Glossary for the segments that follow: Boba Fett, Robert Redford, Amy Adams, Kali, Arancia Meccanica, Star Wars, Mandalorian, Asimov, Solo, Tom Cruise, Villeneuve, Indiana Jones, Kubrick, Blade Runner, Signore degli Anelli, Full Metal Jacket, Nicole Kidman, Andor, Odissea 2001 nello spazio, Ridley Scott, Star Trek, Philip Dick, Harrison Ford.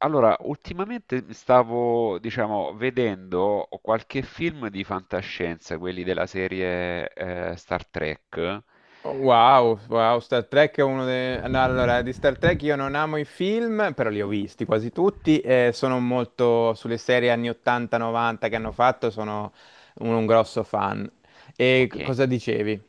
Allora, ultimamente mi stavo, diciamo, vedendo qualche film di fantascienza, quelli della serie Star Trek. Wow, wow, Star Trek è uno dei... No, allora, di Star Trek io non amo i film, però li ho visti quasi tutti e sono molto sulle serie anni 80-90 che hanno fatto, sono un grosso fan. E Ok. Cosa dicevi?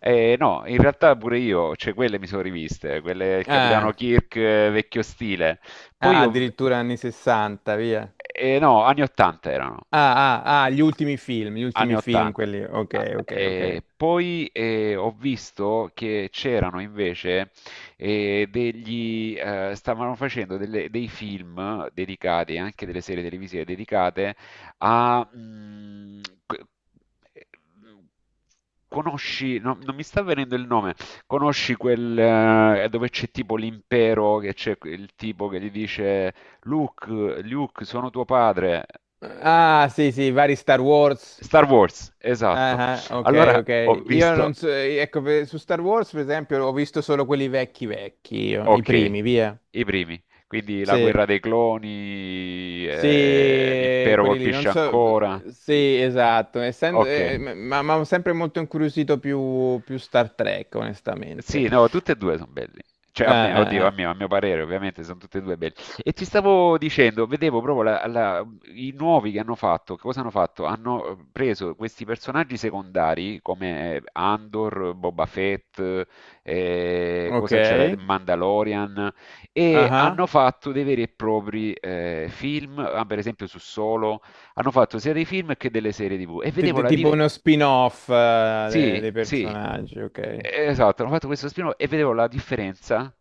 No, in realtà pure io, cioè quelle mi sono riviste, quelle il Capitano Ah, Kirk vecchio stile. Poi ah, ho... addirittura eh, anni 60, via. no, anni 80 erano. Ah, ah, ah, gli Anni ultimi film, 80. quelli... Ah, Ok, ok, ok. poi ho visto che c'erano invece stavano facendo dei film dedicati, anche delle serie televisive dedicate a... mm, que- Conosci, no, non mi sta venendo il nome, conosci quel dove c'è tipo l'impero, che c'è il tipo che gli dice Luke, Luke, sono tuo padre. Eh, Ah, sì, sì, vari Star Wars. Star Wars, esatto. Ah, ah, ok, Allora ho ok. Io non visto, so, ecco, su Star Wars, per esempio, ho visto solo quelli vecchi vecchi, io, i ok, primi, via. i primi, quindi la Sì, guerra dei cloni, sì, l'impero quelli lì, non colpisce so, ancora, sì, esatto, essendo, ok. Ma ho sempre molto incuriosito più Star Trek, onestamente. Sì, no, tutte e due sono belli. Cioè, a me, oddio, a Eh. mio, a mio parere, ovviamente, sono tutte e due belli. E ti stavo dicendo, vedevo proprio i nuovi che hanno fatto. Che cosa hanno fatto? Hanno preso questi personaggi secondari come Andor, Boba Fett, Ok, cosa c'era? Mandalorian, ah, e ah. hanno fatto dei veri e propri film, ah, per esempio su Solo, hanno fatto sia dei film che delle serie TV. E vedevo la Tipo diversità. uno spin-off, Sì, dei sì, personaggi, ok. Esatto, hanno fatto questo spin-off e vedevo la differenza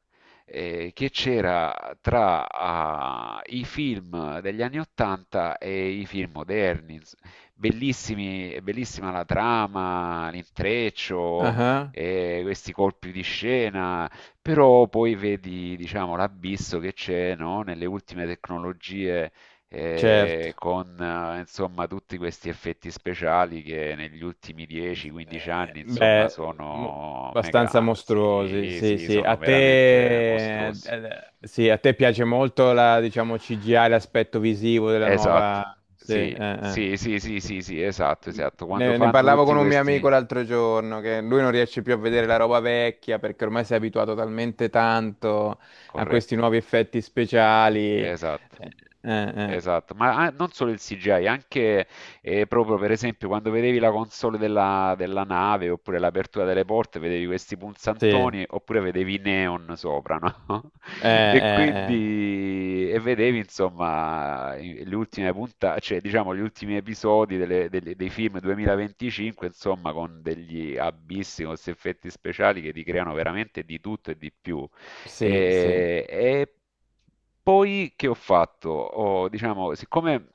che c'era tra ah, i film degli anni 80 e i film moderni. Bellissimi, bellissima la trama, l'intreccio, Ah, ah. Questi colpi di scena, però poi vedi, diciamo, l'abisso che c'è, no, nelle ultime tecnologie Certo. Con insomma tutti questi effetti speciali che negli ultimi 10-15 anni insomma Beh, sono abbastanza mega. mostruosi, Sì, sì, sì, sì. A sono veramente te, mostruosi. Sì, a te piace molto la, diciamo, CGI, l'aspetto visivo della Esatto, nuova... Sì, sì, eh. sì, sì, sì, sì, sì, esatto, esatto. Quando Ne fanno parlavo tutti con un mio amico questi... l'altro giorno, che lui non riesce più a vedere la roba vecchia perché ormai si è abituato talmente tanto a questi Corretto, nuovi effetti speciali. Esatto. Eh. Esatto, ma non solo il CGI, anche proprio per esempio quando vedevi la console della nave oppure l'apertura delle porte, vedevi questi Sì, punzantoni oppure vedevi i neon sopra, no? E eh, eh. quindi vedevi, insomma, le ultime puntate, cioè diciamo gli ultimi episodi dei film 2025, insomma con degli abissi, con questi effetti speciali che ti creano veramente di tutto e di più. Sì, sì. E poi che ho fatto? Diciamo, siccome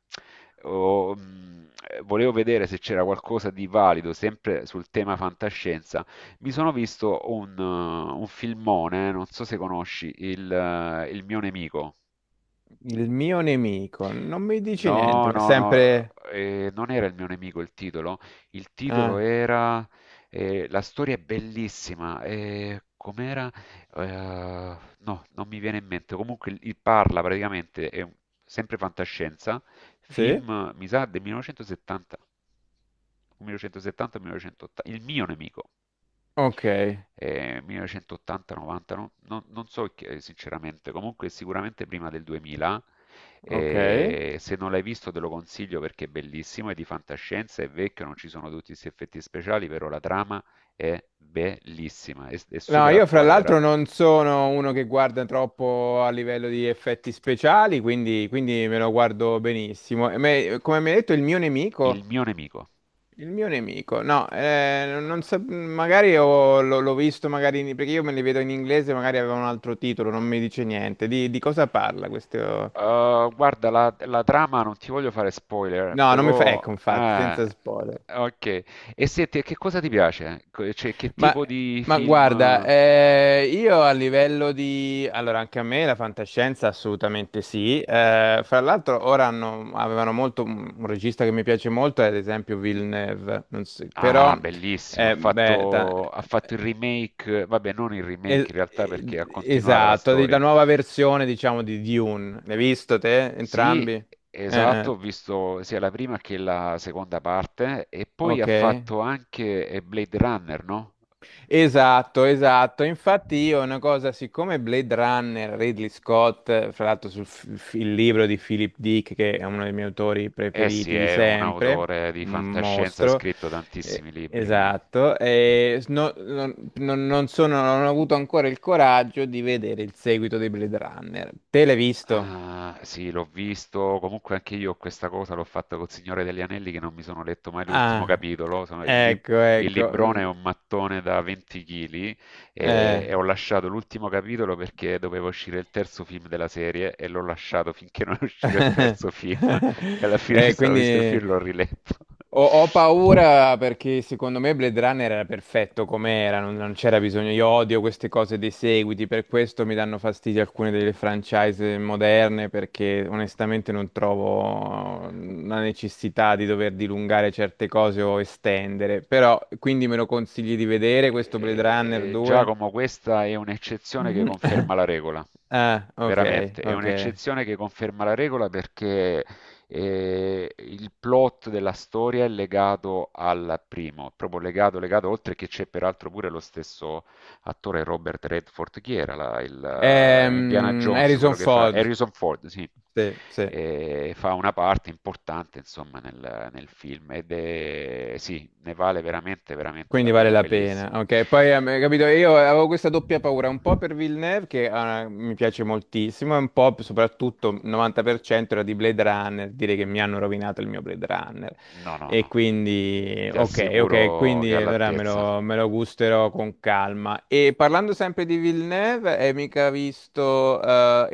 volevo vedere se c'era qualcosa di valido sempre sul tema fantascienza, mi sono visto un filmone, non so se conosci, il mio nemico. Il mio nemico non mi dice No, niente, ma è no, no, sempre... non era il mio nemico il titolo. Il titolo Ah, era... La storia è bellissima. Com'era? No, non mi viene in mente. Comunque il parla praticamente, è sempre fantascienza, sì? film, mi sa, del 1970. 1970-1980. Il mio nemico Ok, 1980-90, non so sinceramente. Comunque sicuramente prima del 2000. ok. E se non l'hai visto te lo consiglio, perché è bellissimo, è di fantascienza, è vecchio, non ci sono tutti questi effetti speciali, però la trama è bellissima, è No, super io fra attuale l'altro peraltro. non sono uno che guarda troppo a livello di effetti speciali, quindi, quindi me lo guardo benissimo. E come mi hai detto, il mio Il nemico... mio nemico. Il mio nemico, no, non so, magari l'ho visto, magari perché io me li vedo in inglese, magari aveva un altro titolo, non mi dice niente. Di cosa parla questo? Guarda, la trama non ti voglio fare spoiler, No, non mi fa, però... ecco, infatti, ah, senza spoiler. ok. E se che cosa ti piace? Cioè, che Ma, tipo di ma film... guarda, io a livello di... Allora, anche a me la fantascienza assolutamente sì. Fra l'altro ora avevano molto... Un regista che mi piace molto è ad esempio Villeneuve, non so- Ah, però... bellissimo, ha eh, beh, ta- fatto, ha fatto il remake, vabbè, non il remake in realtà, perché ha continuato la esatto, la storia. nuova versione diciamo di Dune. L'hai visto te? Sì, Entrambi? Eh, esatto, eh, ho visto sia la prima che la seconda parte. E poi ha ok. fatto anche Blade Runner, no? Esatto, esatto. Infatti io una cosa, siccome Blade Runner, Ridley Scott, fra l'altro il libro di Philip Dick, che è uno dei miei autori Eh sì, preferiti di è un sempre, autore di un fantascienza, ha mostro, scritto tantissimi libri. esatto, non sono, non ho avuto ancora il coraggio di vedere il seguito di Blade Runner. Te l'hai visto? Ah, sì, l'ho visto. Comunque anche io questa cosa l'ho fatta col Signore degli Anelli, che non mi sono letto mai l'ultimo Ah, capitolo. Ecco, Il ecco. librone è Mm. un mattone da 20 kg, Eh. e ho lasciato l'ultimo capitolo perché doveva uscire il terzo film della serie, e l'ho lasciato finché non è uscito il terzo film. E alla fine mi sono visto il quindi film e l'ho riletto. Ho paura perché secondo me Blade Runner era perfetto come era, non c'era bisogno. Io odio queste cose dei seguiti, per questo mi danno fastidio alcune delle franchise moderne perché onestamente non trovo la necessità di dover dilungare certe cose o estendere. Però quindi me lo consigli di vedere questo Blade Runner Eh, 2? Giacomo, questa è un'eccezione che Mhm. conferma la regola. Ah, ok, Veramente, è ok. un'eccezione che conferma la regola, perché il plot della storia è legato al primo, proprio legato, legato, oltre che c'è peraltro pure lo stesso attore Robert Redford, chi era Indiana Jones, Harrison quello che fa Ford, Harrison Ford, sì, sì, sì, e fa una parte importante, insomma, nel film, ed è sì, ne vale veramente veramente la quindi vale pena, è la pena. bellissimo. Ok, poi capito, io avevo questa doppia paura, un po' per Villeneuve che mi piace moltissimo, e un po' soprattutto il 90% era di Blade Runner, dire che mi hanno rovinato il mio Blade Runner. No, no, E no, quindi, ti ok, ok, assicuro che quindi è allora all'altezza. Me lo gusterò con calma. E parlando sempre di Villeneuve, hai mica visto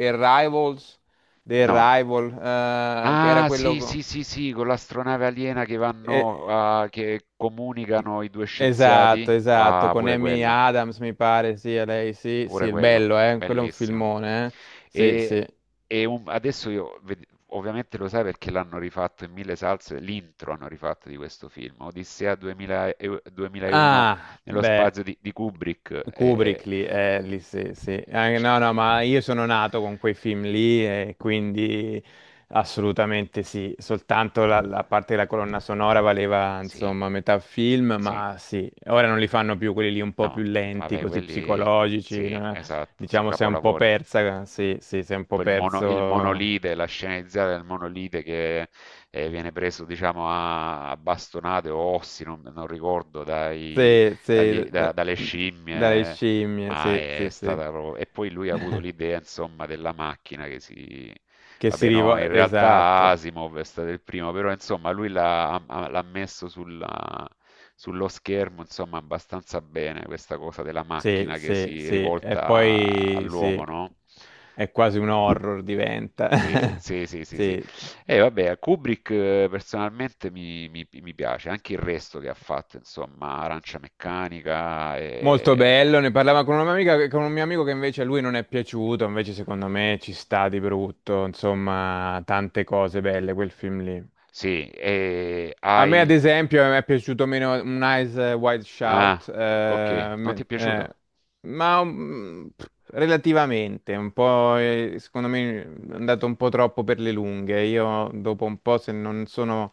Arrivals, The No. Arrival, che era Ah, quello... sì, sì, sì, sì, con l'astronave aliena che eh, vanno, ah, che comunicano i due Esatto, scienziati. esatto, Ah, con pure Amy quello. Adams mi pare, sì, è lei, sì, sì, Pure il quello, bello, quello è un bellissimo. filmone, sì, E, sì. e adesso io, ovviamente lo sai, perché l'hanno rifatto in mille salse, l'intro hanno rifatto di questo film, Odissea 2000 2001 Ah, nello beh, spazio di Kubrick. E- Kubrick lì, lì sì, sì. No, no, ma io sono nato con quei film lì e quindi assolutamente sì, soltanto la parte della colonna sonora valeva, sì, insomma, metà film, sì, ma sì, ora non li fanno più quelli lì un po' più no, lenti, vabbè, così quelli, psicologici, sì, no? esatto, sono Diciamo, sei un po' capolavori. persa, sì, sì, sei un po' Poi il perso. monolite, la sceneggiata del monolite, che viene preso, diciamo, a bastonate o ossi, non ricordo, Sì, sì, dalle dalle scimmie, scimmie, ma sì, è sì, sì. stata proprio... E poi lui ha avuto l'idea, insomma, della macchina che si... Che si Vabbè, no, in rivolge, realtà esatto, Asimov è stato il primo, però, insomma, lui l'ha messo sullo schermo, insomma, abbastanza bene questa cosa della sì, macchina che sì, si sì. E rivolta poi, sì, all'uomo, no? è quasi un Eh, horror diventa. Sì, sì, sì, sì, sì. Sì, E vabbè, Kubrick personalmente mi piace, anche il resto che ha fatto, insomma, Arancia Meccanica molto e... bello, ne parlava con una mia amica, con un mio amico che invece a lui non è piaciuto, invece secondo me ci sta di brutto, insomma, tante cose belle quel film lì. Sì, e A me, ad I, esempio, mi è piaciuto meno un Eyes Wide Ah, Shout, o okay. Non ti è piaciuto? ma relativamente, un po', secondo me è andato un po' troppo per le lunghe. Io dopo un po', se non sono,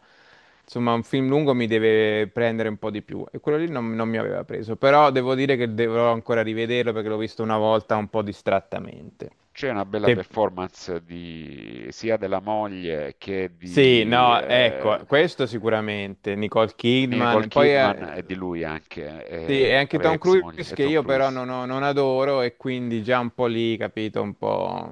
insomma, un film lungo mi deve prendere un po' di più. E quello lì non mi aveva preso, però devo dire che dovrò ancora rivederlo perché l'ho visto una volta un po' distrattamente. C'è una bella Te- performance di sia della moglie che Sì, di, no, ecco, questo sicuramente, Nicole Nicole Kidman. Poi Kidman, e di lui anche, sì, e anche vabbè, Tom ex moglie, Cruise e che Tom io però Cruise. Non adoro e quindi già un po' lì, capito,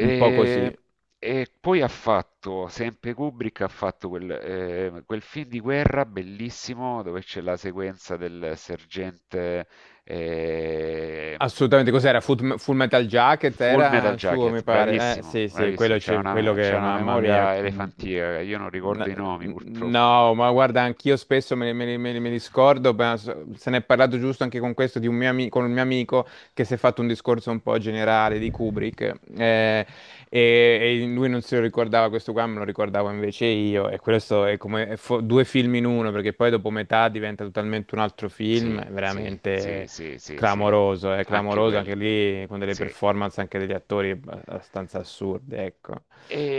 un po' così. e poi ha fatto, sempre Kubrick ha fatto quel film di guerra bellissimo, dove c'è la sequenza del sergente eh, Assolutamente, cos'era? Full Metal Jacket Full Metal era suo, Jacket, mi pare. Bravissimo, Sì, sì, bravissimo, quello, c'è quello una, c'è che, una mamma mia. memoria elefantica, io non ricordo N- i nomi purtroppo. No, ma guarda, anch'io spesso me li scordo, ma se ne è parlato giusto anche con questo di con un mio amico che si è fatto un discorso un po' generale di Kubrick e lui non se lo ricordava questo qua, me lo ricordavo invece io e questo è come è due film in uno perché poi dopo metà diventa totalmente un altro film, Sì, è sì, sì, veramente sì, sì, sì, clamoroso, è anche clamoroso anche quello, lì con delle sì. performance anche degli attori abbastanza assurde, ecco.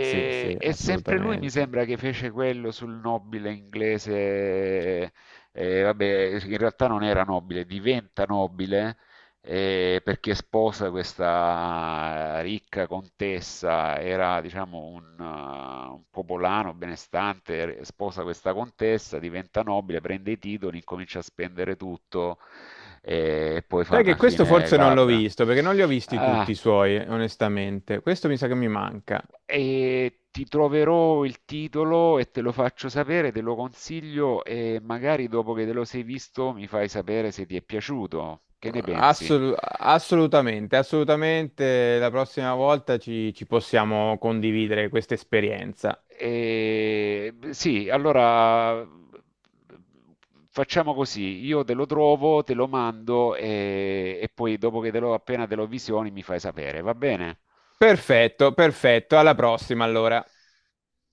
Sì, sì, e sempre lui mi assolutamente. sembra che fece quello sul nobile inglese, vabbè, in realtà non era nobile, diventa nobile perché sposa questa ricca contessa, era diciamo un popolano benestante, sposa questa contessa, diventa nobile, prende i titoli, incomincia a spendere tutto e poi fa Sai una che questo fine forse non l'ho glabra. visto, perché non li ho visti Ah. tutti i suoi, onestamente. Questo mi sa che mi manca. E ti troverò il titolo e te lo faccio sapere, te lo consiglio e magari dopo che te lo sei visto mi fai sapere se ti è piaciuto. Che ne pensi? Assolutamente, assolutamente. La prossima volta ci possiamo condividere questa esperienza. E, sì, allora facciamo così, io te lo trovo, te lo mando, e poi dopo che te lo appena te lo visioni mi fai sapere, va bene? Perfetto, perfetto. Alla prossima, allora.